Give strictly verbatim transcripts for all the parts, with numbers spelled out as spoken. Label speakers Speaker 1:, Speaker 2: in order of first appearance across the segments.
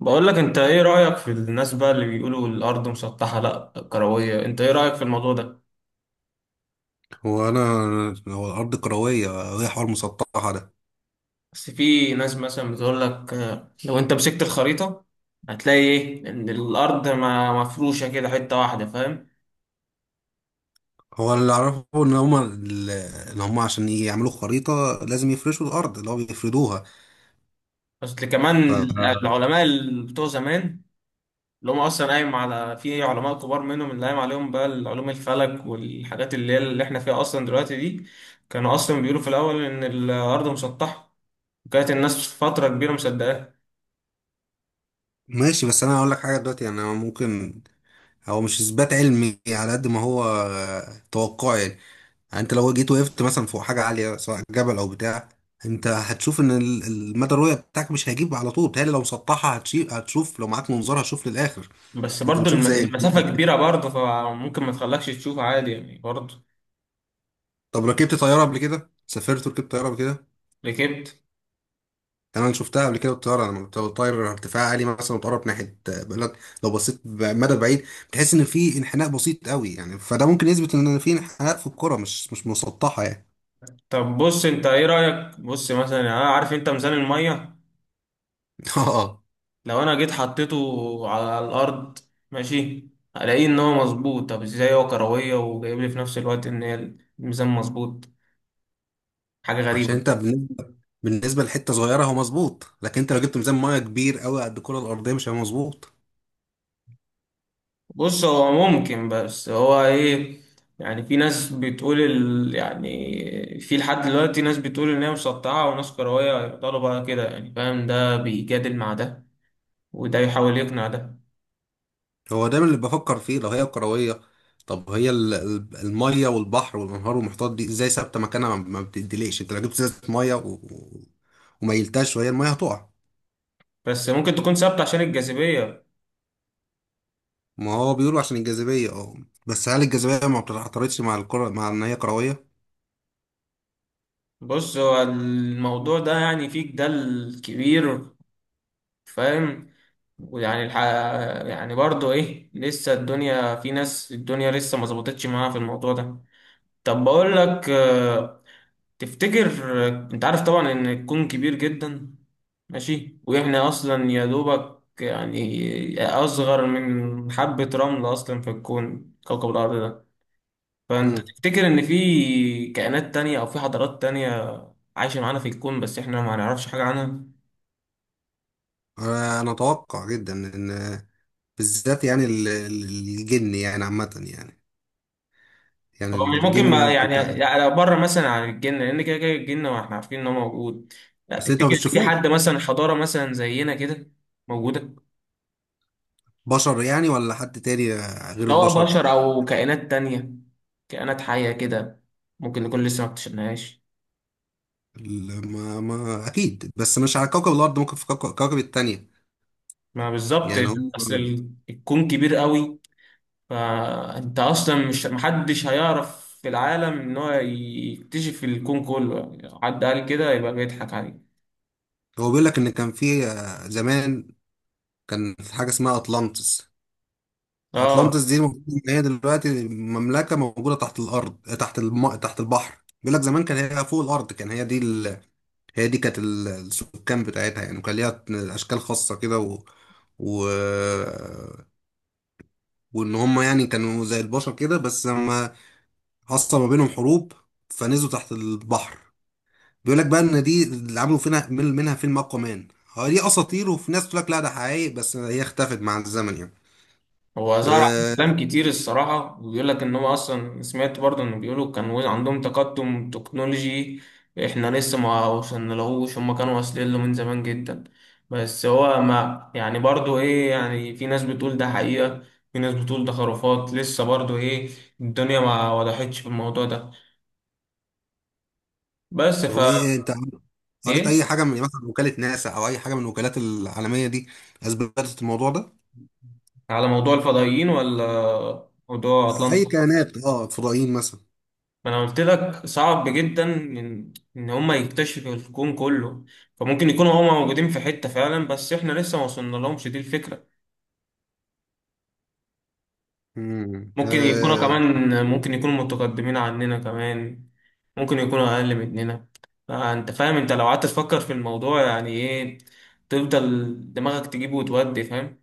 Speaker 1: بقول لك انت ايه رأيك في الناس بقى اللي بيقولوا الارض مسطحة لا كروية؟ انت ايه رأيك في الموضوع ده؟
Speaker 2: هو انا. هو الارض كرويه وهي حوار مسطحه ده.
Speaker 1: بس في ناس مثلا بتقول لك آه، لو انت مسكت الخريطة هتلاقي ايه، ان الارض ما مفروشة كده حتة واحدة، فاهم؟
Speaker 2: هو اللي اعرفه ان هما ال- ان هما عشان يعملوا خريطه لازم يفرشوا الارض اللي هو بيفردوها.
Speaker 1: بس اللي كمان العلماء اللي بتوع زمان، اللي هم اصلا قايم على في علماء كبار منهم اللي قايم عليهم بقى علوم الفلك والحاجات اللي هي اللي احنا فيها اصلا دلوقتي دي، كانوا اصلا بيقولوا في الاول ان الارض مسطحة، وكانت الناس فترة كبيرة مصدقاها.
Speaker 2: فماشي، بس انا هقول لك حاجه دلوقتي، يعني أنا ممكن هو مش اثبات علمي على قد ما هو آه، توقع يعني. يعني انت لو جيت وقفت مثلا فوق حاجه عاليه سواء جبل او بتاع، انت هتشوف ان ال- المدى الرؤيه بتاعك مش هيجيب على طول، بتهيألي لو مسطحه هتشي- هتشوف لو معاك منظار هتشوف للاخر.
Speaker 1: بس
Speaker 2: انت
Speaker 1: برضه
Speaker 2: بتشوف
Speaker 1: الم-
Speaker 2: زي الفلاحة
Speaker 1: المسافة
Speaker 2: كده.
Speaker 1: كبيرة برضه، فممكن ما تخلكش تشوف عادي يعني برضه.
Speaker 2: طب ركبت طياره قبل كده؟ سافرت وركبت طياره قبل كده؟
Speaker 1: ركبت.
Speaker 2: يعني انا شفتها قبل كده الطياره لما بتطير ارتفاع عالي مثلا وتقرب ناحيه بلد، لو بصيت مدى بعيد بتحس ان في انحناء بسيط قوي، يعني فده ممكن يثبت ان في انحناء في الكره، مش مش مسطحه يعني.
Speaker 1: طب بص، انت ايه رأيك؟ بص مثلا، يعني انا عارف انت ميزان المية،
Speaker 2: اه.
Speaker 1: لو انا جيت حطيته على الارض، ماشي، الاقيه ان هو مظبوط. طب ازاي هو كروية وجايب لي في نفس الوقت ان هي الميزان مظبوط؟ حاجة
Speaker 2: عشان
Speaker 1: غريبة.
Speaker 2: انت بالنسبه بالنسبه لحته صغيره هو مظبوط، لكن انت لو جبت ميزان ميه كبير قوي قد الكره الارضيه مش هيبقى مظبوط.
Speaker 1: بص هو ممكن، بس هو ايه، يعني في ناس بتقول ال... يعني في لحد دلوقتي ناس بتقول ان هي مسطعه وناس كرويه، يفضلوا بقى كده يعني، فاهم، ده بيجادل مع ده وده يحاول يقنع ده.
Speaker 2: هو دايما اللي بفكر فيه لو هي كروية، طب هي ال- ال- المية والبحر والانهار والمحيطات دي ازاي ثابتة مكانها ما ما بتديليش؟ انت لو جبت ازازة مية و... و- وميلتهاش، وهي المية هتقع.
Speaker 1: بس ممكن تكون ثابته عشان الجاذبيه.
Speaker 2: ما هو بيقولوا عشان الجاذبية، اه، بس هل الجاذبية ما بتعترضش مع الكرة مع ان هي كروية؟
Speaker 1: بص هو الموضوع ده يعني فيه جدال كبير، فاهم، ويعني الح... يعني برضه ايه، لسه الدنيا في ناس، الدنيا لسه ما ظبطتش معاها في الموضوع ده. طب بقول لك، تفتكر، انت عارف طبعا ان الكون كبير جدا، ماشي، واحنا اصلا يا دوبك يعني اصغر من حبة رمل اصلا في الكون كوكب الارض ده، فانت
Speaker 2: مم.
Speaker 1: تفتكر ان في كائنات تانية او في حضارات تانية عايشة معانا في الكون بس احنا ما نعرفش حاجة عنها؟
Speaker 2: انا أنا اتوقع جدا ان بالذات يعني ال- ال- الجن يعني عامة يعني، يعني
Speaker 1: هو مش ممكن
Speaker 2: الجن
Speaker 1: ما يعني،
Speaker 2: انت.
Speaker 1: يعني بره مثلا عن الجن، لان كده كده الجن واحنا عارفين ان هو موجود. لا،
Speaker 2: بس انت ما
Speaker 1: تفتكر ان في حد
Speaker 2: بتشوفوش
Speaker 1: مثلا حضارة مثلا زينا كده موجودة؟
Speaker 2: بشر يعني ولا حد تاني غير
Speaker 1: سواء
Speaker 2: البشر؟
Speaker 1: بشر أو كائنات تانية، كائنات حية كده، ممكن نكون لسه ما اكتشفناهاش.
Speaker 2: ال- ما ما اكيد بس مش على كوكب الارض، ممكن في كوكب كوكب التانية
Speaker 1: ما بالظبط،
Speaker 2: يعني. هو
Speaker 1: أصل ال- الكون كبير قوي، فأنت أصلا مش، محدش هيعرف في العالم إن هو يكتشف الكون كله، يعني حد قال كده يبقى بيضحك عليه.
Speaker 2: هو بيقول لك ان كان في آه، زمان كان في حاجه اسمها اطلانتس.
Speaker 1: آه.
Speaker 2: اطلانتس دي المفروض إن هي دلوقتي مملكه موجوده تحت الارض، آه، تحت الم... تحت البحر. بيقول لك زمان كان هي فوق الارض، كان هي دي ال... هي دي كانت ال- السكان بتاعتها يعني، وكان ليها اشكال خاصه كده و... و... وان هم يعني كانوا زي البشر كده، بس لما حصل ما بينهم حروب فنزلوا تحت البحر. بيقول لك بقى ان دي اللي عملوا فينا من- منها فيلم اقوى مان. هو دي اساطير، وفي ناس تقول لك لا ده حقيقي، بس هي اختفت مع الزمن يعني.
Speaker 1: هو ظهر عليه
Speaker 2: أه.
Speaker 1: كلام كتير الصراحة، وبيقول لك إن هو أصلا، سمعت برضه إنه بيقولوا كان عندهم تقدم تكنولوجي، إحنا لسه ما وصلنالهوش، هما كانوا واصلين له من زمان جدا. بس هو ما يعني برضه إيه، يعني في ناس بتقول ده حقيقة، في ناس بتقول ده خرافات، لسه برضه إيه، الدنيا ما وضحتش في الموضوع ده. بس
Speaker 2: طب ايه،
Speaker 1: فا
Speaker 2: إيه، انت قريت
Speaker 1: إيه،
Speaker 2: اي حاجه من مثلا وكاله ناسا او اي حاجه من الوكالات العالميه دي اثبتت الموضوع ده؟
Speaker 1: على موضوع الفضائيين ولا موضوع أطلانتا؟
Speaker 2: اي كائنات، اه فضائيين مثلا.
Speaker 1: ما انا قلت لك صعب جدا ان ان هما يكتشفوا الكون كله، فممكن يكونوا هما موجودين في حتة فعلا بس احنا لسه ما وصلنا لهمش، دي الفكرة.
Speaker 2: مم.
Speaker 1: ممكن يكونوا
Speaker 2: آه.
Speaker 1: كمان، ممكن يكونوا متقدمين عننا كمان، ممكن يكونوا اقل مننا، فانت فاهم، انت لو قعدت تفكر في الموضوع يعني ايه، تفضل دماغك تجيبه وتودي، فاهم.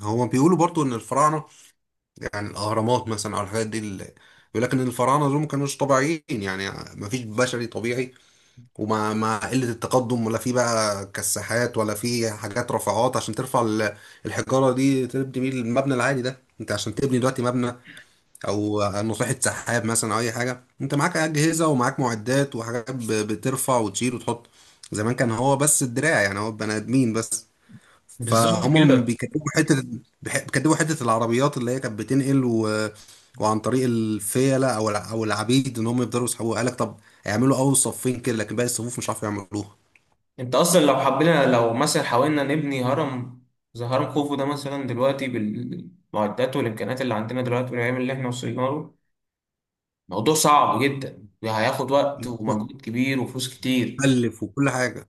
Speaker 2: هو بيقولوا برضو ان الفراعنه، يعني الاهرامات مثلا او الحاجات دي اللي، بيقول لك ان الفراعنه دول ما كانوش طبيعيين يعني، ما فيش بشري طبيعي. ومع مع قلة التقدم ولا في بقى كساحات ولا في حاجات رفعات عشان ترفع ال- الحجارة دي تبني بيه المبنى العالي ده. انت عشان تبني دلوقتي مبنى او نصيحة سحاب مثلا او اي حاجة، انت معاك اجهزة ومعاك معدات وحاجات ب- بترفع وتشيل وتحط. زمان كان هو بس الدراع يعني، هو بني ادمين بس.
Speaker 1: بالظبط
Speaker 2: فهم
Speaker 1: كده.
Speaker 2: بيكتبوا حته، بح- بيكتبوا حته العربيات اللي هي كانت بتنقل و... وعن طريق الفيله او الع... او العبيد ان هم يقدروا يسحبوها. قال لك طب اعملوا اول صفين كده، لكن باقي الصفوف مش عارفين يعملوها.
Speaker 1: انت اصلا لو حبينا، لو مثلا حاولنا نبني هرم زي هرم خوفو ده مثلا دلوقتي، بالمعدات والامكانيات اللي عندنا دلوقتي والعلم اللي احنا وصلنا له، موضوع صعب جدا، هياخد وقت ومجهود كبير وفلوس كتير.
Speaker 2: مكلف وكل حاجه.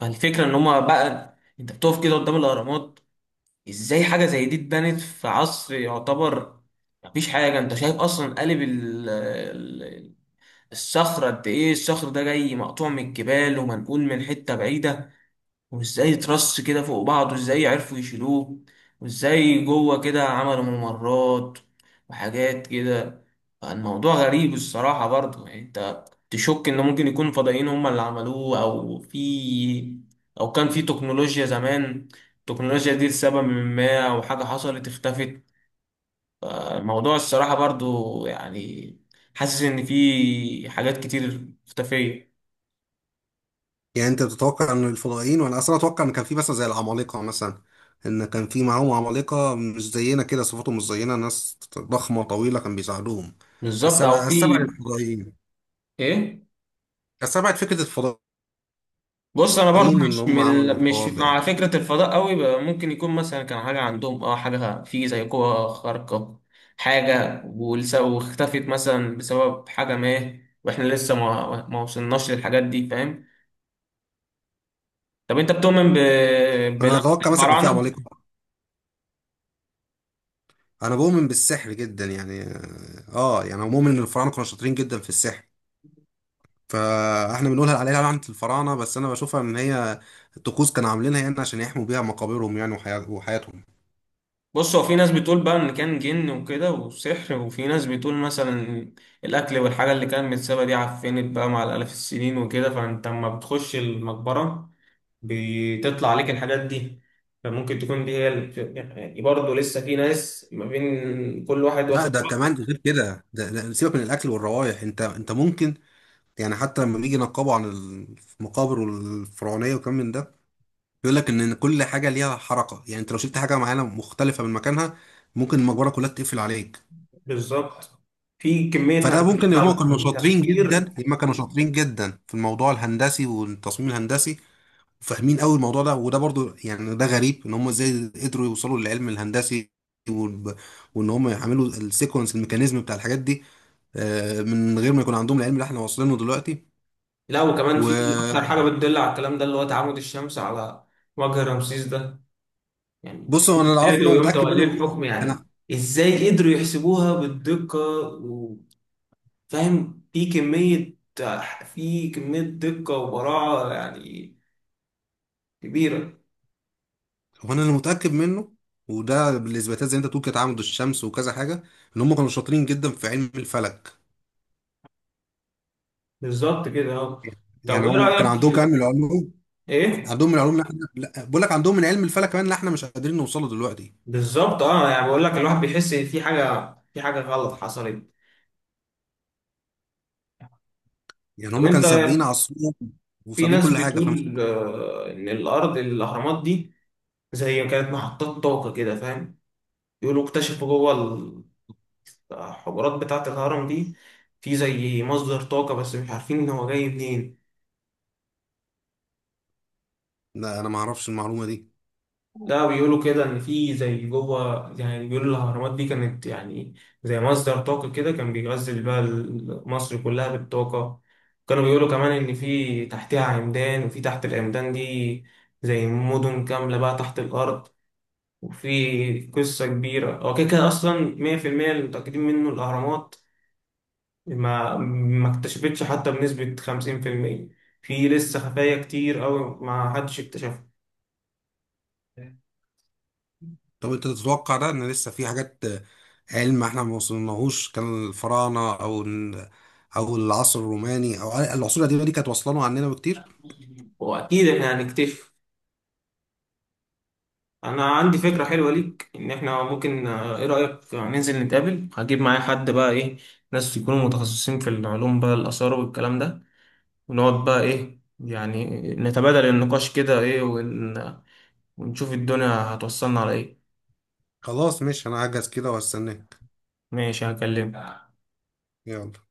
Speaker 1: فالفكره ان هما بقى، انت بتقف كده قدام الاهرامات، ازاي حاجه زي دي اتبنت في عصر يعتبر مفيش حاجه، انت شايف اصلا قالب ال- ال- الصخره قد ايه، الصخر ده جاي مقطوع من الجبال ومنقول من حته بعيده، وازاي ترص كده فوق بعض، وازاي عرفوا يشيلوه، وازاي جوه كده عملوا ممرات وحاجات كده. فالموضوع غريب الصراحة برضه يعني، انت تشك ان ممكن يكون فضائيين هم اللي عملوه، او في، او كان في تكنولوجيا زمان، التكنولوجيا دي لسبب ما او حاجة حصلت اختفت. الموضوع الصراحة برضه يعني، حاسس ان في حاجات كتير مختفية.
Speaker 2: يعني انت بتتوقع ان الفضائيين، وانا اصلا اتوقع ان كان في مثلا زي العمالقه مثلا، ان كان في معاهم عمالقه مش زينا كده، صفاتهم مش زينا، ناس ضخمه طويله كان بيساعدوهم. بس
Speaker 1: بالظبط،
Speaker 2: أبقى-
Speaker 1: او في،
Speaker 2: استبعد الفضائيين،
Speaker 1: ايه.
Speaker 2: استبعد فكره الفضائيين
Speaker 1: بص انا برضو
Speaker 2: اللي
Speaker 1: مش
Speaker 2: هم
Speaker 1: من
Speaker 2: عملوا
Speaker 1: ال- مش
Speaker 2: الحوار ده
Speaker 1: مع
Speaker 2: يعني.
Speaker 1: فكره الفضاء قوي بقى، ممكن يكون مثلا كان حاجه عندهم، اه، حاجه في زي قوه خارقه، حاجه والس- واختفت مثلا بسبب حاجه ما، واحنا لسه ما ما وصلناش للحاجات دي، فاهم. طب انت بتؤمن ب...
Speaker 2: انا
Speaker 1: بلعنه
Speaker 2: اتوقع مثلا كان في
Speaker 1: الفراعنه؟
Speaker 2: عمالقه. انا بؤمن بالسحر جدا يعني، اه يعني أنا مؤمن ان الفراعنه كانوا شاطرين جدا في السحر. فاحنا بنقولها عليها لعنه الفراعنه، بس انا بشوفها ان هي الطقوس كانوا عاملينها يعني عشان يحموا بيها مقابرهم يعني، وحيا- وحياتهم.
Speaker 1: بص هو في ناس بتقول بقى ان كان جن وكده وسحر، وفي ناس بتقول مثلا الاكل والحاجه اللي كانت متسابه دي عفنت بقى مع الالاف السنين وكده، فانت لما بتخش المقبره بتطلع عليك الحاجات دي، فممكن تكون دي هي ال- يعني برضه لسه في ناس، ما بين كل واحد
Speaker 2: لا
Speaker 1: واخد
Speaker 2: ده
Speaker 1: رأي.
Speaker 2: كمان غير كده، ده, ده سيبك من الاكل والروائح. انت انت ممكن يعني حتى لما بيجي ينقبوا عن المقابر الفرعونيه وكم من ده، بيقول لك ان كل حاجه ليها حركه يعني، انت لو شلت حاجه معينه مختلفه من مكانها ممكن المقبره كلها تقفل عليك.
Speaker 1: بالظبط. في كمية
Speaker 2: فده ممكن، هم
Speaker 1: هندسة
Speaker 2: كانوا شاطرين
Speaker 1: وتفكير.
Speaker 2: جدا هم كانوا شاطرين جدا في الموضوع الهندسي والتصميم الهندسي، وفاهمين قوي الموضوع ده. وده برضو يعني ده غريب ان هم ازاي قدروا يوصلوا للعلم الهندسي، والب- وان هم يعملوا السيكونس الميكانيزم بتاع الحاجات دي، آه، من غير ما يكون عندهم العلم اللي احنا واصلينه دلوقتي.
Speaker 1: لا، وكمان في
Speaker 2: وبص،
Speaker 1: أكتر حاجة بتدل على الكلام ده، اللي هو تعامد الشمس على وجه رمسيس ده، يعني في
Speaker 2: هو
Speaker 1: يوم
Speaker 2: انا اللي اعرفه ان
Speaker 1: ميلاده
Speaker 2: هو
Speaker 1: ويوم
Speaker 2: متاكد منه
Speaker 1: توليه
Speaker 2: ان هو
Speaker 1: الحكم يعني.
Speaker 2: انا.
Speaker 1: إزاي قدروا يحسبوها بالدقة؟ وفاهم، في كمية، في كمية دقة وبراعة يعني كبيرة.
Speaker 2: هو انا اللي متاكد منه، وده بالاثباتات زي انت تقول كده تعامد الشمس وكذا حاجه، ان هم كانوا شاطرين جدا في علم الفلك.
Speaker 1: بالظبط كده، اه. طب
Speaker 2: يعني
Speaker 1: ايه
Speaker 2: هم كان
Speaker 1: رأيك
Speaker 2: عندهم كمان
Speaker 1: في-
Speaker 2: من العلوم،
Speaker 1: ايه،
Speaker 2: عندهم من العلوم اللي احنا، لا، بقول لك عندهم من علم الفلك كمان اللي احنا مش قادرين نوصله دلوقتي.
Speaker 1: بالظبط اه، يعني بقول لك الواحد بيحس ان في حاجة، في حاجة غلط حصلت.
Speaker 2: يعني
Speaker 1: طب
Speaker 2: هم
Speaker 1: انت،
Speaker 2: كانوا سابقين عصرهم
Speaker 1: في
Speaker 2: وسابقين
Speaker 1: ناس
Speaker 2: كل حاجه فمش.
Speaker 1: بتقول آه، ان الارض الاهرامات دي زي كانت محطات طاقة كده، فاهم، يقولوا اكتشفوا جوه الحجرات بتاعة الهرم دي في زي مصدر طاقة بس مش عارفين ان هو جاي منين.
Speaker 2: لا انا ما اعرفش المعلومه دي.
Speaker 1: لا، بيقولوا كده ان في زي جوه، يعني بيقولوا الاهرامات دي كانت يعني زي مصدر طاقه كده، كان بيغذي بقى ال- مصر كلها بالطاقه. كانوا بيقولوا كمان ان في تحتها عمدان، وفي تحت العمدان دي زي مدن كامله بقى تحت الارض، وفي قصه كبيره. هو كده كده اصلا مية في المية اللي متاكدين منه الاهرامات ما ما اكتشفتش حتى بنسبه خمسين في المية، في لسه خفايا كتير قوي ما حدش اكتشفها.
Speaker 2: طب انت تتوقع ده، ان لسه في حاجات آه، علم احنا ما وصلناهوش، كان الفراعنه او ال- او العصر الروماني او العصور القديمه دي كانت واصله له عننا بكتير؟
Speaker 1: واكيد احنا هنكتشف. انا عندي فكرة حلوة ليك، ان احنا ممكن، آه، ايه رأيك ننزل نتقابل، هجيب معايا حد بقى ايه، ناس يكونوا متخصصين في العلوم بقى الآثار والكلام ده، ونقعد بقى ايه يعني، نتبادل النقاش كده ايه ون... ونشوف الدنيا هتوصلنا على ايه.
Speaker 2: خلاص ماشي، انا هجهز كده واستناك.
Speaker 1: ماشي، هكلمك.
Speaker 2: يلا.